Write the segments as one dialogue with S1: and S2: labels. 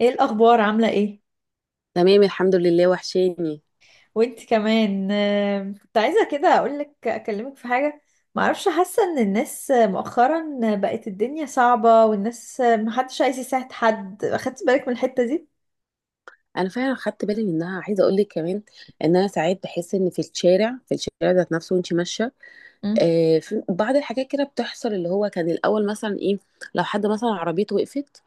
S1: ايه الاخبار؟ عامله ايه؟
S2: تمام، الحمد لله وحشاني.
S1: وانت كمان. كنت عايزه كده اقولك، اكلمك في حاجه. ما اعرفش، حاسه ان الناس مؤخرا بقت الدنيا صعبه، والناس محدش عايز يساعد حد. اخدت بالك من الحته دي؟
S2: انا فعلا خدت بالي منها، عايزه اقول لك كمان ان انا ساعات بحس ان في الشارع ذات نفسه وانت ماشيه.
S1: مم.
S2: آه، في بعض الحاجات كده بتحصل، اللي هو كان الاول مثلا ايه؟ لو حد مثلا عربيته وقفت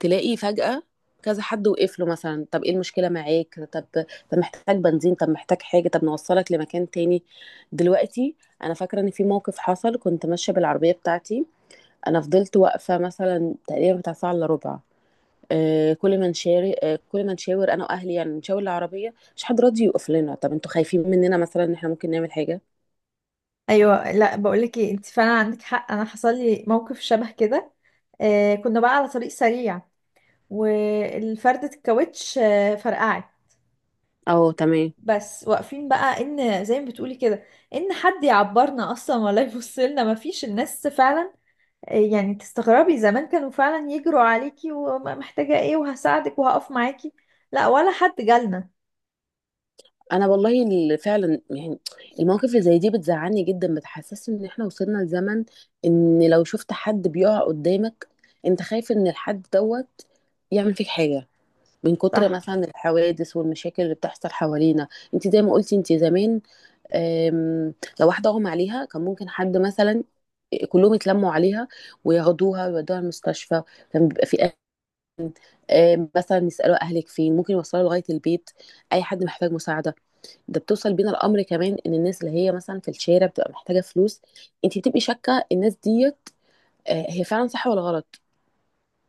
S2: تلاقي فجأة كذا حد وقف له، مثلا طب ايه المشكله معاك، طب محتاج بنزين، طب محتاج حاجه، طب نوصلك لمكان تاني. دلوقتي انا فاكره ان في موقف حصل، كنت ماشيه بالعربيه بتاعتي، انا فضلت واقفه مثلا تقريبا بتاع ساعه الا ربع. كل ما نشارك، كل ما نشاور انا واهلي، يعني نشاور العربيه، مش حد راضي يوقف لنا. طب انتوا خايفين مننا مثلا ان احنا ممكن نعمل حاجه؟
S1: ايوه، لا بقولك ايه، انت فعلا عندك حق. انا حصل لي موقف شبه كده. كنا بقى على طريق سريع، والفردة الكاوتش فرقعت.
S2: اه، تمام.
S1: بس واقفين بقى، ان زي ما بتقولي كده، ان حد يعبرنا اصلا ولا يبص لنا، مفيش الناس فعلا. يعني تستغربي، زمان كانوا فعلا يجروا عليكي ومحتاجة ايه، وهساعدك وهقف معاكي. لا ولا حد جالنا.
S2: انا والله فعلا يعني المواقف اللي زي دي بتزعلني جدا، بتحسسني ان احنا وصلنا لزمن ان لو شفت حد بيقع قدامك انت خايف ان الحد دوت يعمل فيك حاجه، من كتر
S1: صح.
S2: مثلا الحوادث والمشاكل اللي بتحصل حوالينا. انت زي ما قلتي، انت زمان، أم، لو واحدة أغمى عليها كان ممكن حد مثلا، كلهم يتلموا عليها وياخدوها ويودوها المستشفى. كان بيبقى في أهل، مثلا يسألوا أهلك فين، ممكن يوصلوا لغاية البيت. أي حد محتاج مساعدة. ده بتوصل بينا الأمر كمان، إن الناس اللي هي مثلا في الشارع بتبقى محتاجة فلوس، أنت بتبقي شاكة الناس ديت آه، هي فعلا صح ولا غلط.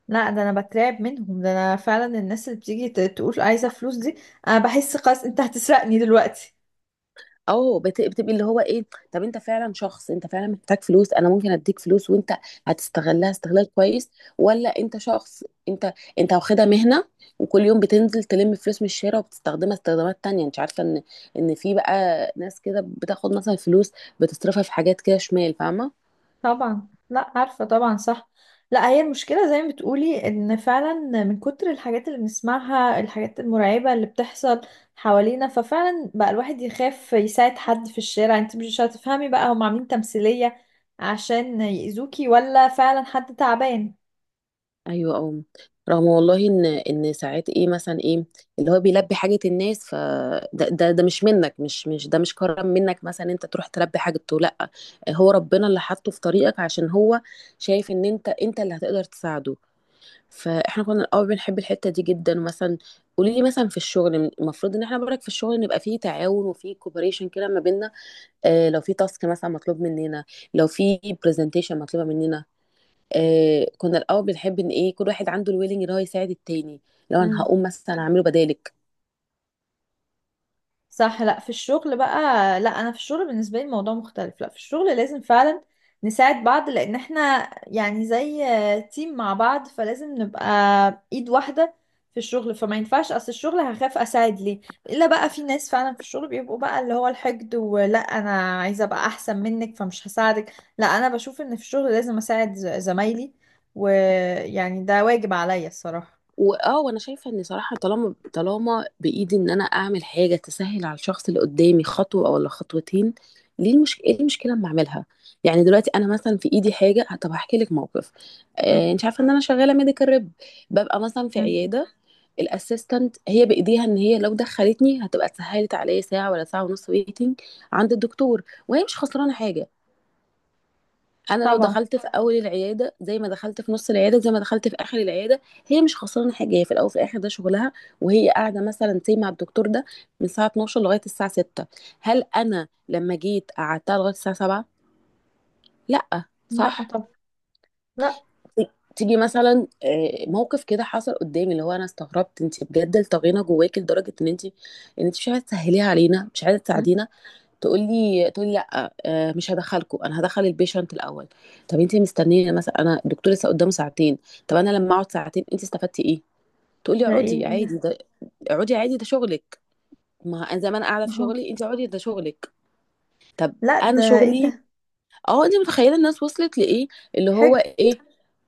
S1: لا، ده انا بترعب منهم. ده انا فعلا، الناس اللي بتيجي تقول عايزة فلوس دي، انا بحس خلاص انت هتسرقني دلوقتي.
S2: اه، بتبقي اللي هو ايه، طب انت فعلا شخص، انت فعلا محتاج فلوس انا ممكن اديك فلوس وانت هتستغلها استغلال كويس، ولا انت شخص انت، انت واخدها مهنة وكل يوم بتنزل تلم فلوس من الشارع وبتستخدمها استخدامات تانية. انت عارفة ان ان في بقى ناس كده بتاخد مثلا فلوس بتصرفها في حاجات كده شمال، فاهمة؟
S1: طبعا. لا عارفة، طبعا صح. لا، هي المشكلة زي ما بتقولي ان فعلا من كتر الحاجات اللي بنسمعها، الحاجات المرعبة اللي بتحصل حوالينا، ففعلا بقى الواحد يخاف يساعد حد في الشارع. انت مش هتفهمي بقى، هم عاملين تمثيلية عشان يأذوكي، ولا فعلا حد تعبان؟
S2: ايوه، اه، رغم والله ان ان ساعات ايه مثلا ايه، اللي هو بيلبي حاجه الناس ف ده مش منك، مش ده مش كرم منك مثلا انت تروح تلبي حاجته، لا هو ربنا اللي حاطه في طريقك، عشان هو شايف ان انت اللي هتقدر تساعده. فاحنا كنا الاول بنحب الحته دي جدا. مثلا قولي لي مثلا في الشغل، المفروض ان احنا برك في الشغل نبقى فيه تعاون وفيه كوبريشن كده ما بيننا. آه، لو في تاسك مثلا مطلوب مننا، لو في برزنتيشن مطلوبه مننا، آه، كنا الاول بنحب ان ايه، كل واحد عنده الويلنج اللي هو يساعد التاني. لو انا هقوم مثلا اعمله بدالك،
S1: صح. لا في الشغل بقى. لا انا في الشغل بالنسبه لي الموضوع مختلف. لا في الشغل لازم فعلا نساعد بعض، لان احنا يعني زي تيم مع بعض، فلازم نبقى ايد واحده في الشغل. فما ينفعش، اصل الشغل هخاف اساعد ليه؟ الا بقى في ناس فعلا في الشغل بيبقوا بقى اللي هو الحقد، ولا انا عايزه ابقى احسن منك فمش هساعدك. لا انا بشوف ان في الشغل لازم اساعد زمايلي، ويعني ده واجب عليا الصراحه.
S2: واه، وانا شايفه ان صراحه طالما بايدي ان انا اعمل حاجه تسهل على الشخص اللي قدامي خطوه ولا خطوتين، ليه ايه المشكله اما اعملها؟ يعني دلوقتي انا مثلا في ايدي حاجه. آه، طب هحكي لك موقف.
S1: آه.
S2: آه، انت عارفه ان انا شغاله ميديكال ريب، ببقى مثلا في
S1: مم.
S2: عياده. الاسيستنت هي بايديها ان هي لو دخلتني هتبقى سهلت عليا ساعه ولا ساعه ونص ويتنج عند الدكتور، وهي مش خسرانه حاجه. انا لو
S1: طبعا.
S2: دخلت في اول العياده زي ما دخلت في نص العياده زي ما دخلت في اخر العياده، هي مش خسرانه حاجه، هي في الاول وفي الاخر ده شغلها. وهي قاعده مثلا سي مع الدكتور ده من الساعه 12 لغايه الساعه 6. هل انا لما جيت قعدتها لغايه الساعه 7؟ لا،
S1: لا.
S2: صح.
S1: طبعا. لا.
S2: تيجي مثلا موقف كده حصل قدامي، اللي هو انا استغربت انت بجد الطغينه جواك لدرجه ان انت ان انت مش عايزه تسهليها علينا، مش عايزه
S1: مم.
S2: تساعدينا. تقول لي لا مش هدخلكم، انا هدخل البيشنت الاول. طب انت مستنيه مثلا، انا الدكتور لسه قدامه ساعتين، طب انا لما اقعد ساعتين انت استفدتي ايه؟ تقول لي
S1: ده
S2: اقعدي عادي
S1: ايه؟
S2: ده، اقعدي عادي ده شغلك. ما انا زي ما انا قاعده
S1: ما
S2: في
S1: هو.
S2: شغلي، انت اقعدي ده شغلك. طب
S1: لا
S2: انا
S1: ده ايه
S2: شغلي،
S1: ده؟
S2: اه انت متخيله الناس وصلت لايه، اللي هو
S1: حج.
S2: ايه،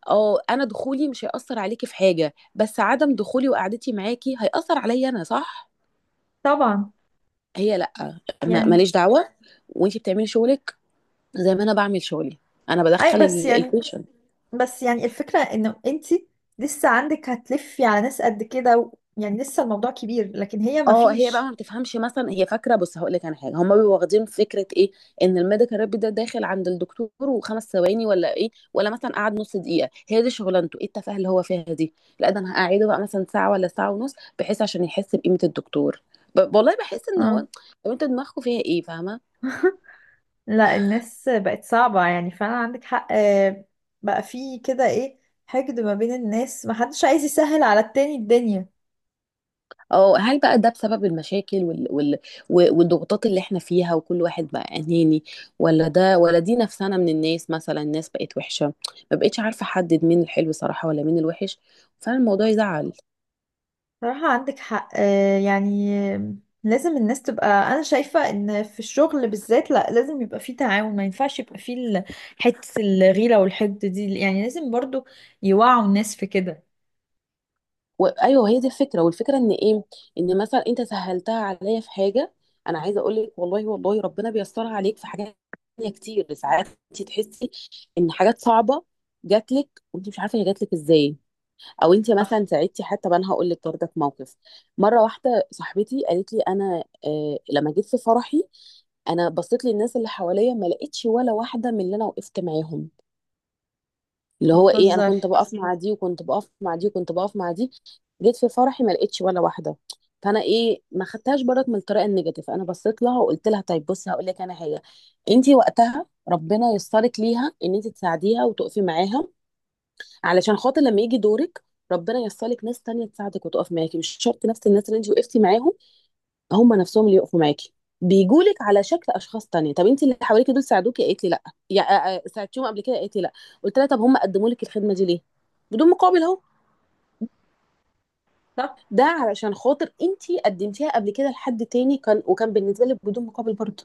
S2: اه انا دخولي مش هيأثر عليكي في حاجه، بس عدم دخولي وقعدتي معاكي هيأثر عليا انا، صح؟
S1: طبعا
S2: هي لا،
S1: يعني.
S2: ماليش دعوه. وانت بتعملي شغلك زي ما أنا باعمل شغلي، أنا
S1: اي،
S2: بادخّل
S1: بس يعني،
S2: الpatient.
S1: بس يعني الفكرة انه انتي لسه عندك هتلفي على ناس قد كده يعني لسه الموضوع كبير، لكن هي ما
S2: آه، هي بقى ما
S1: فيش.
S2: بتفهمش مثلًا، هي فاكرة بُص هاقول لِك أنا حاجة، هُم بيبقوا واخدين فكرة إيه، إن الmedical rep ده داخل عند الدكتور و5 ثواني والّا إيه، والّا مثلًا قعد نُص دقيقة، هي دي شغلانته، إيه التفاهة اللي هو فيها دي؟ لأ ده أنا هاقعّده بقى مثلًا ساعة والّا ساعة ونُص، بحيث عشان يحس بقيمة الدكتور. ب والله باحس إن هو،
S1: اه.
S2: طب أنتم دماغكم فيها إيه، فاهمة؟
S1: لا الناس بقت صعبة يعني، فعلا عندك حق. آه. بقى في كده ايه، حقد ما بين الناس، ما حدش عايز يسهل على التاني الدنيا.
S2: اه، هل بقى ده بسبب المشاكل والضغوطات اللي احنا فيها، وكل واحد بقى اناني، ولا ده ولا دي نفسنا من الناس، مثلا الناس بقت وحشة، ما بقتش عارفة احدد مين الحلو صراحة ولا مين الوحش. فعلا الموضوع يزعل.
S1: صراحة عندك حق. يعني لازم الناس تبقى، أنا شايفة إن في الشغل بالذات لا لازم يبقى فيه تعاون. ما ينفعش يبقى فيه حتة الغيرة والحقد دي، يعني لازم برضو يوعوا الناس في كده.
S2: وايوه، هي دي الفكرة. والفكرة ان ايه، ان مثلا انت سهلتها عليا في حاجة، انا عايزة اقول لك والله والله ربنا بيسرها عليك في حاجات تانية كتير. ساعات انت تحسي ان حاجات صعبة جات لك وانت مش عارفة هي جات لك ازاي، او انت مثلا
S1: صح.
S2: ساعدتي حتى. طب انا هقول لك برضه في موقف مره واحده صاحبتي قالت لي، انا آه لما جيت في فرحي، انا بصيت للناس اللي حواليا ما لقيتش ولا واحده من اللي انا وقفت معاهم. اللي هو ايه، انا
S1: بهزر.
S2: كنت بقف مع دي وكنت بقف مع دي وكنت بقف مع دي، جيت في فرحي ما لقيتش ولا واحده. فانا ايه، ما خدتهاش برضك من الطريقه النيجاتيف، انا بصيت لها وقلت لها، طيب بصي هقول لك انا حاجه، انت وقتها ربنا يسرك ليها ان انت تساعديها وتقفي معاها، علشان خاطر لما يجي دورك ربنا يسرلك ناس تانية تساعدك وتقف معاكي. مش شرط نفس الناس اللي انت وقفتي معاهم هم نفسهم اللي يقفوا معاكي، بيجولك على شكل اشخاص تانية. طب انت اللي حواليك دول ساعدوكي؟ قالت لي لا. يا ساعدتيهم قبل كده؟ قالت لي لا. قلت لها طب هم قدموا لك الخدمة دي ليه بدون مقابل؟ اهو، ده علشان خاطر انت قدمتيها قبل كده لحد تاني كان، وكان بالنسبة لك بدون مقابل برضه.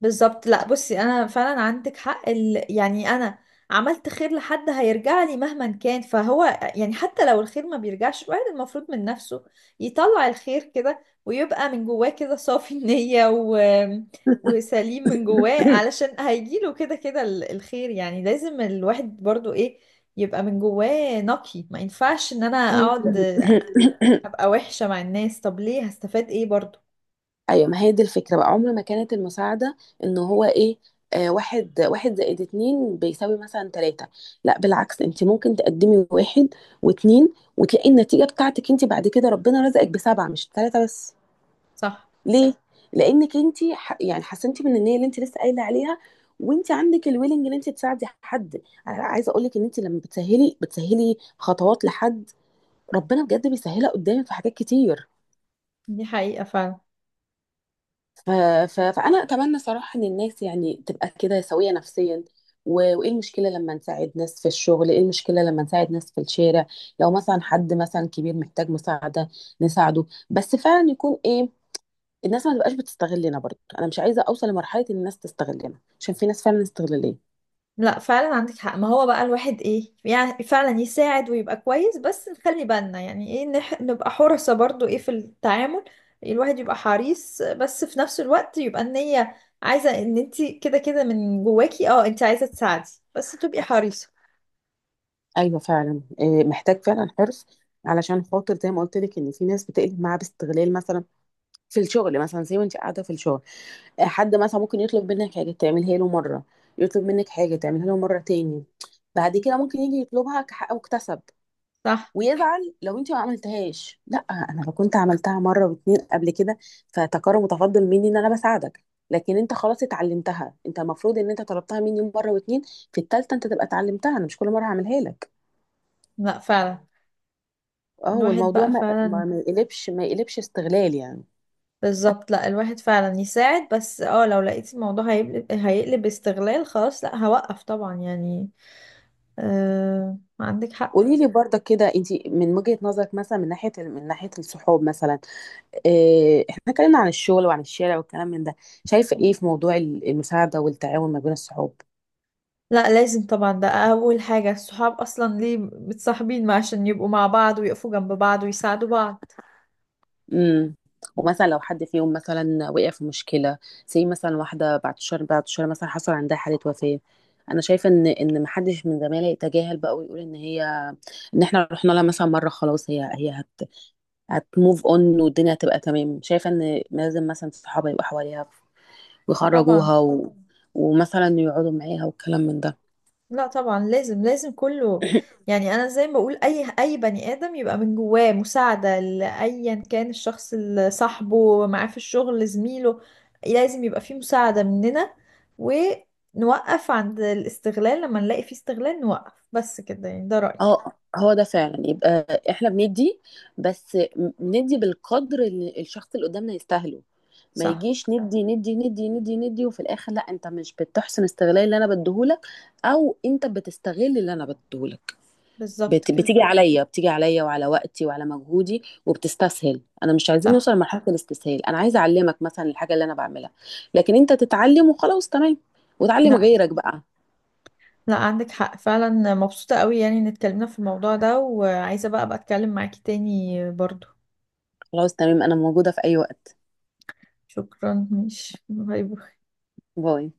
S1: بالظبط. لا بصي، انا فعلا عندك حق. يعني انا عملت خير لحد هيرجع لي مهما كان. فهو يعني، حتى لو الخير ما بيرجعش، الواحد المفروض من نفسه يطلع الخير كده، ويبقى من جواه كده صافي النية، وسليم من جواه، علشان هيجيله كده كده الخير. يعني لازم الواحد برضو ايه، يبقى من جواه نقي. ما ينفعش ان انا اقعد ابقى وحشة مع الناس. طب ليه؟ هستفاد ايه برضو؟
S2: أيوه، ما هي دي الفكرة بقى. عمر ما كانت المساعدة إن هو إيه، آه، واحد واحد زائد اتنين بيساوي مثلا تلاتة. لا بالعكس، أنت ممكن تقدمي واحد واتنين وتلاقي النتيجة بتاعتك أنت بعد كده ربنا رزقك بسبعة مش تلاتة بس.
S1: صح.
S2: ليه؟ لأنك أنت يعني حسنتي من النية اللي أنت لسه قايلة عليها، وأنت عندك الويلنج إن أنت تساعدي حد. أنا عايزة أقول لك إن أنت لما بتسهلي خطوات لحد، ربنا بجد بيسهلها قدامك في حاجات كتير.
S1: دي حقيقة فعلا.
S2: ف... فانا اتمنى صراحه ان الناس يعني تبقى كده سويه نفسيا، وايه المشكله لما نساعد ناس في الشغل، ايه المشكله لما نساعد ناس في الشارع؟ لو مثلا حد مثلا كبير محتاج مساعده نساعده، بس فعلا يكون ايه، الناس ما تبقاش بتستغلنا برضه. انا مش عايزه اوصل لمرحله ان الناس تستغلنا، عشان في ناس فعلا استغلاليه.
S1: لا فعلا عندك حق. ما هو بقى الواحد ايه، يعني فعلا يساعد ويبقى كويس، بس نخلي بالنا، يعني ايه، نبقى حرصة برضو ايه في التعامل. الواحد يبقى حريص، بس في نفس الوقت يبقى النية عايزة ان انت كده كده من جواكي اه انت عايزة تساعدي، بس تبقي حريصة.
S2: ايوه فعلا، إيه محتاج فعلا حرص، علشان خاطر زي ما قلت لك ان في ناس بتقلب معاها باستغلال، مثلا في الشغل مثلا زي ما انت قاعده في الشغل حد مثلا ممكن يطلب منك حاجة تعملها له مرة، يطلب منك حاجة تعملها له مرة تاني، بعد كده ممكن يجي يطلبها كحق مكتسب
S1: صح.
S2: ويزعل لو انت ما عملتهاش. لا، انا لو كنت عملتها مرة واتنين قبل كده فتكرم متفضل مني ان انا بساعدك، لكن انت خلاص اتعلمتها، انت المفروض ان انت طلبتها مني مرة واتنين، في التالتة انت تبقى اتعلمتها، انا مش كل مرة هعملها لك.
S1: لا فعلا
S2: اه،
S1: الواحد
S2: والموضوع
S1: بقى
S2: ما
S1: فعلا.
S2: ما ما يقلبش ما يقلبش استغلال يعني.
S1: بالظبط. لا الواحد فعلا يساعد، بس اه لو لقيت الموضوع هيقلب، هيقلب استغلال خلاص، لا هوقف طبعا يعني. عندك حق.
S2: قولي لي برضك كده انت من وجهة نظرك مثلا من ناحية الصحاب مثلا، إيه، احنا اتكلمنا عن الشغل وعن الشارع والكلام من ده، شايفة ايه في موضوع المساعدة والتعاون ما بين الصحاب؟
S1: لا لازم طبعا، ده اول حاجة. الصحاب اصلا ليه متصاحبين؟ ما عشان يبقوا مع بعض ويقفوا جنب بعض ويساعدوا بعض.
S2: امم، ومثلا لو حد فيهم مثلا وقع في مشكلة، زي مثلا واحدة بعد شهر مثلا حصل عندها حالة وفاة، انا شايفة ان ان ما حدش من زمايلي يتجاهل بقى ويقول ان هي، ان احنا رحنا لها مثلا مرة خلاص هي هي هت هتموف اون والدنيا هتبقى تمام. شايفة ان لازم مثلا صحابها يبقوا حواليها
S1: طبعا.
S2: ويخرجوها ومثلا يقعدوا معاها والكلام من
S1: لا طبعا لازم لازم كله
S2: ده.
S1: يعني. انا زي ما بقول، اي بني ادم يبقى من جواه مساعدة، لايا كان الشخص، اللي صاحبه معاه في الشغل، زميله، لازم يبقى فيه مساعدة مننا. ونوقف عند الاستغلال، لما نلاقي فيه استغلال نوقف بس كده يعني. ده رأيي.
S2: اه، هو ده فعلا. يبقى احنا بندي، بس ندي بالقدر اللي الشخص اللي قدامنا يستاهله، ما
S1: صح.
S2: يجيش ندي ندي ندي ندي ندي وفي الاخر لا انت مش بتحسن استغلال اللي انا بديهولك، او انت بتستغل اللي انا بديهولك.
S1: بالظبط كده.
S2: بتيجي عليا وعلى وقتي وعلى مجهودي وبتستسهل. انا مش عايزين نوصل
S1: صح.
S2: لمرحلة الاستسهال، انا عايزه اعلمك مثلا الحاجة اللي انا بعملها، لكن انت تتعلم وخلاص، تمام، وتعلم غيرك بقى.
S1: لا عندك حق فعلا. مبسوطة قوي يعني ان اتكلمنا في الموضوع ده، وعايزة بقى اتكلم معاكي تاني برضو.
S2: خلاص تمام، انا موجودة في اي وقت.
S1: شكرا، مش باي باي.
S2: باي.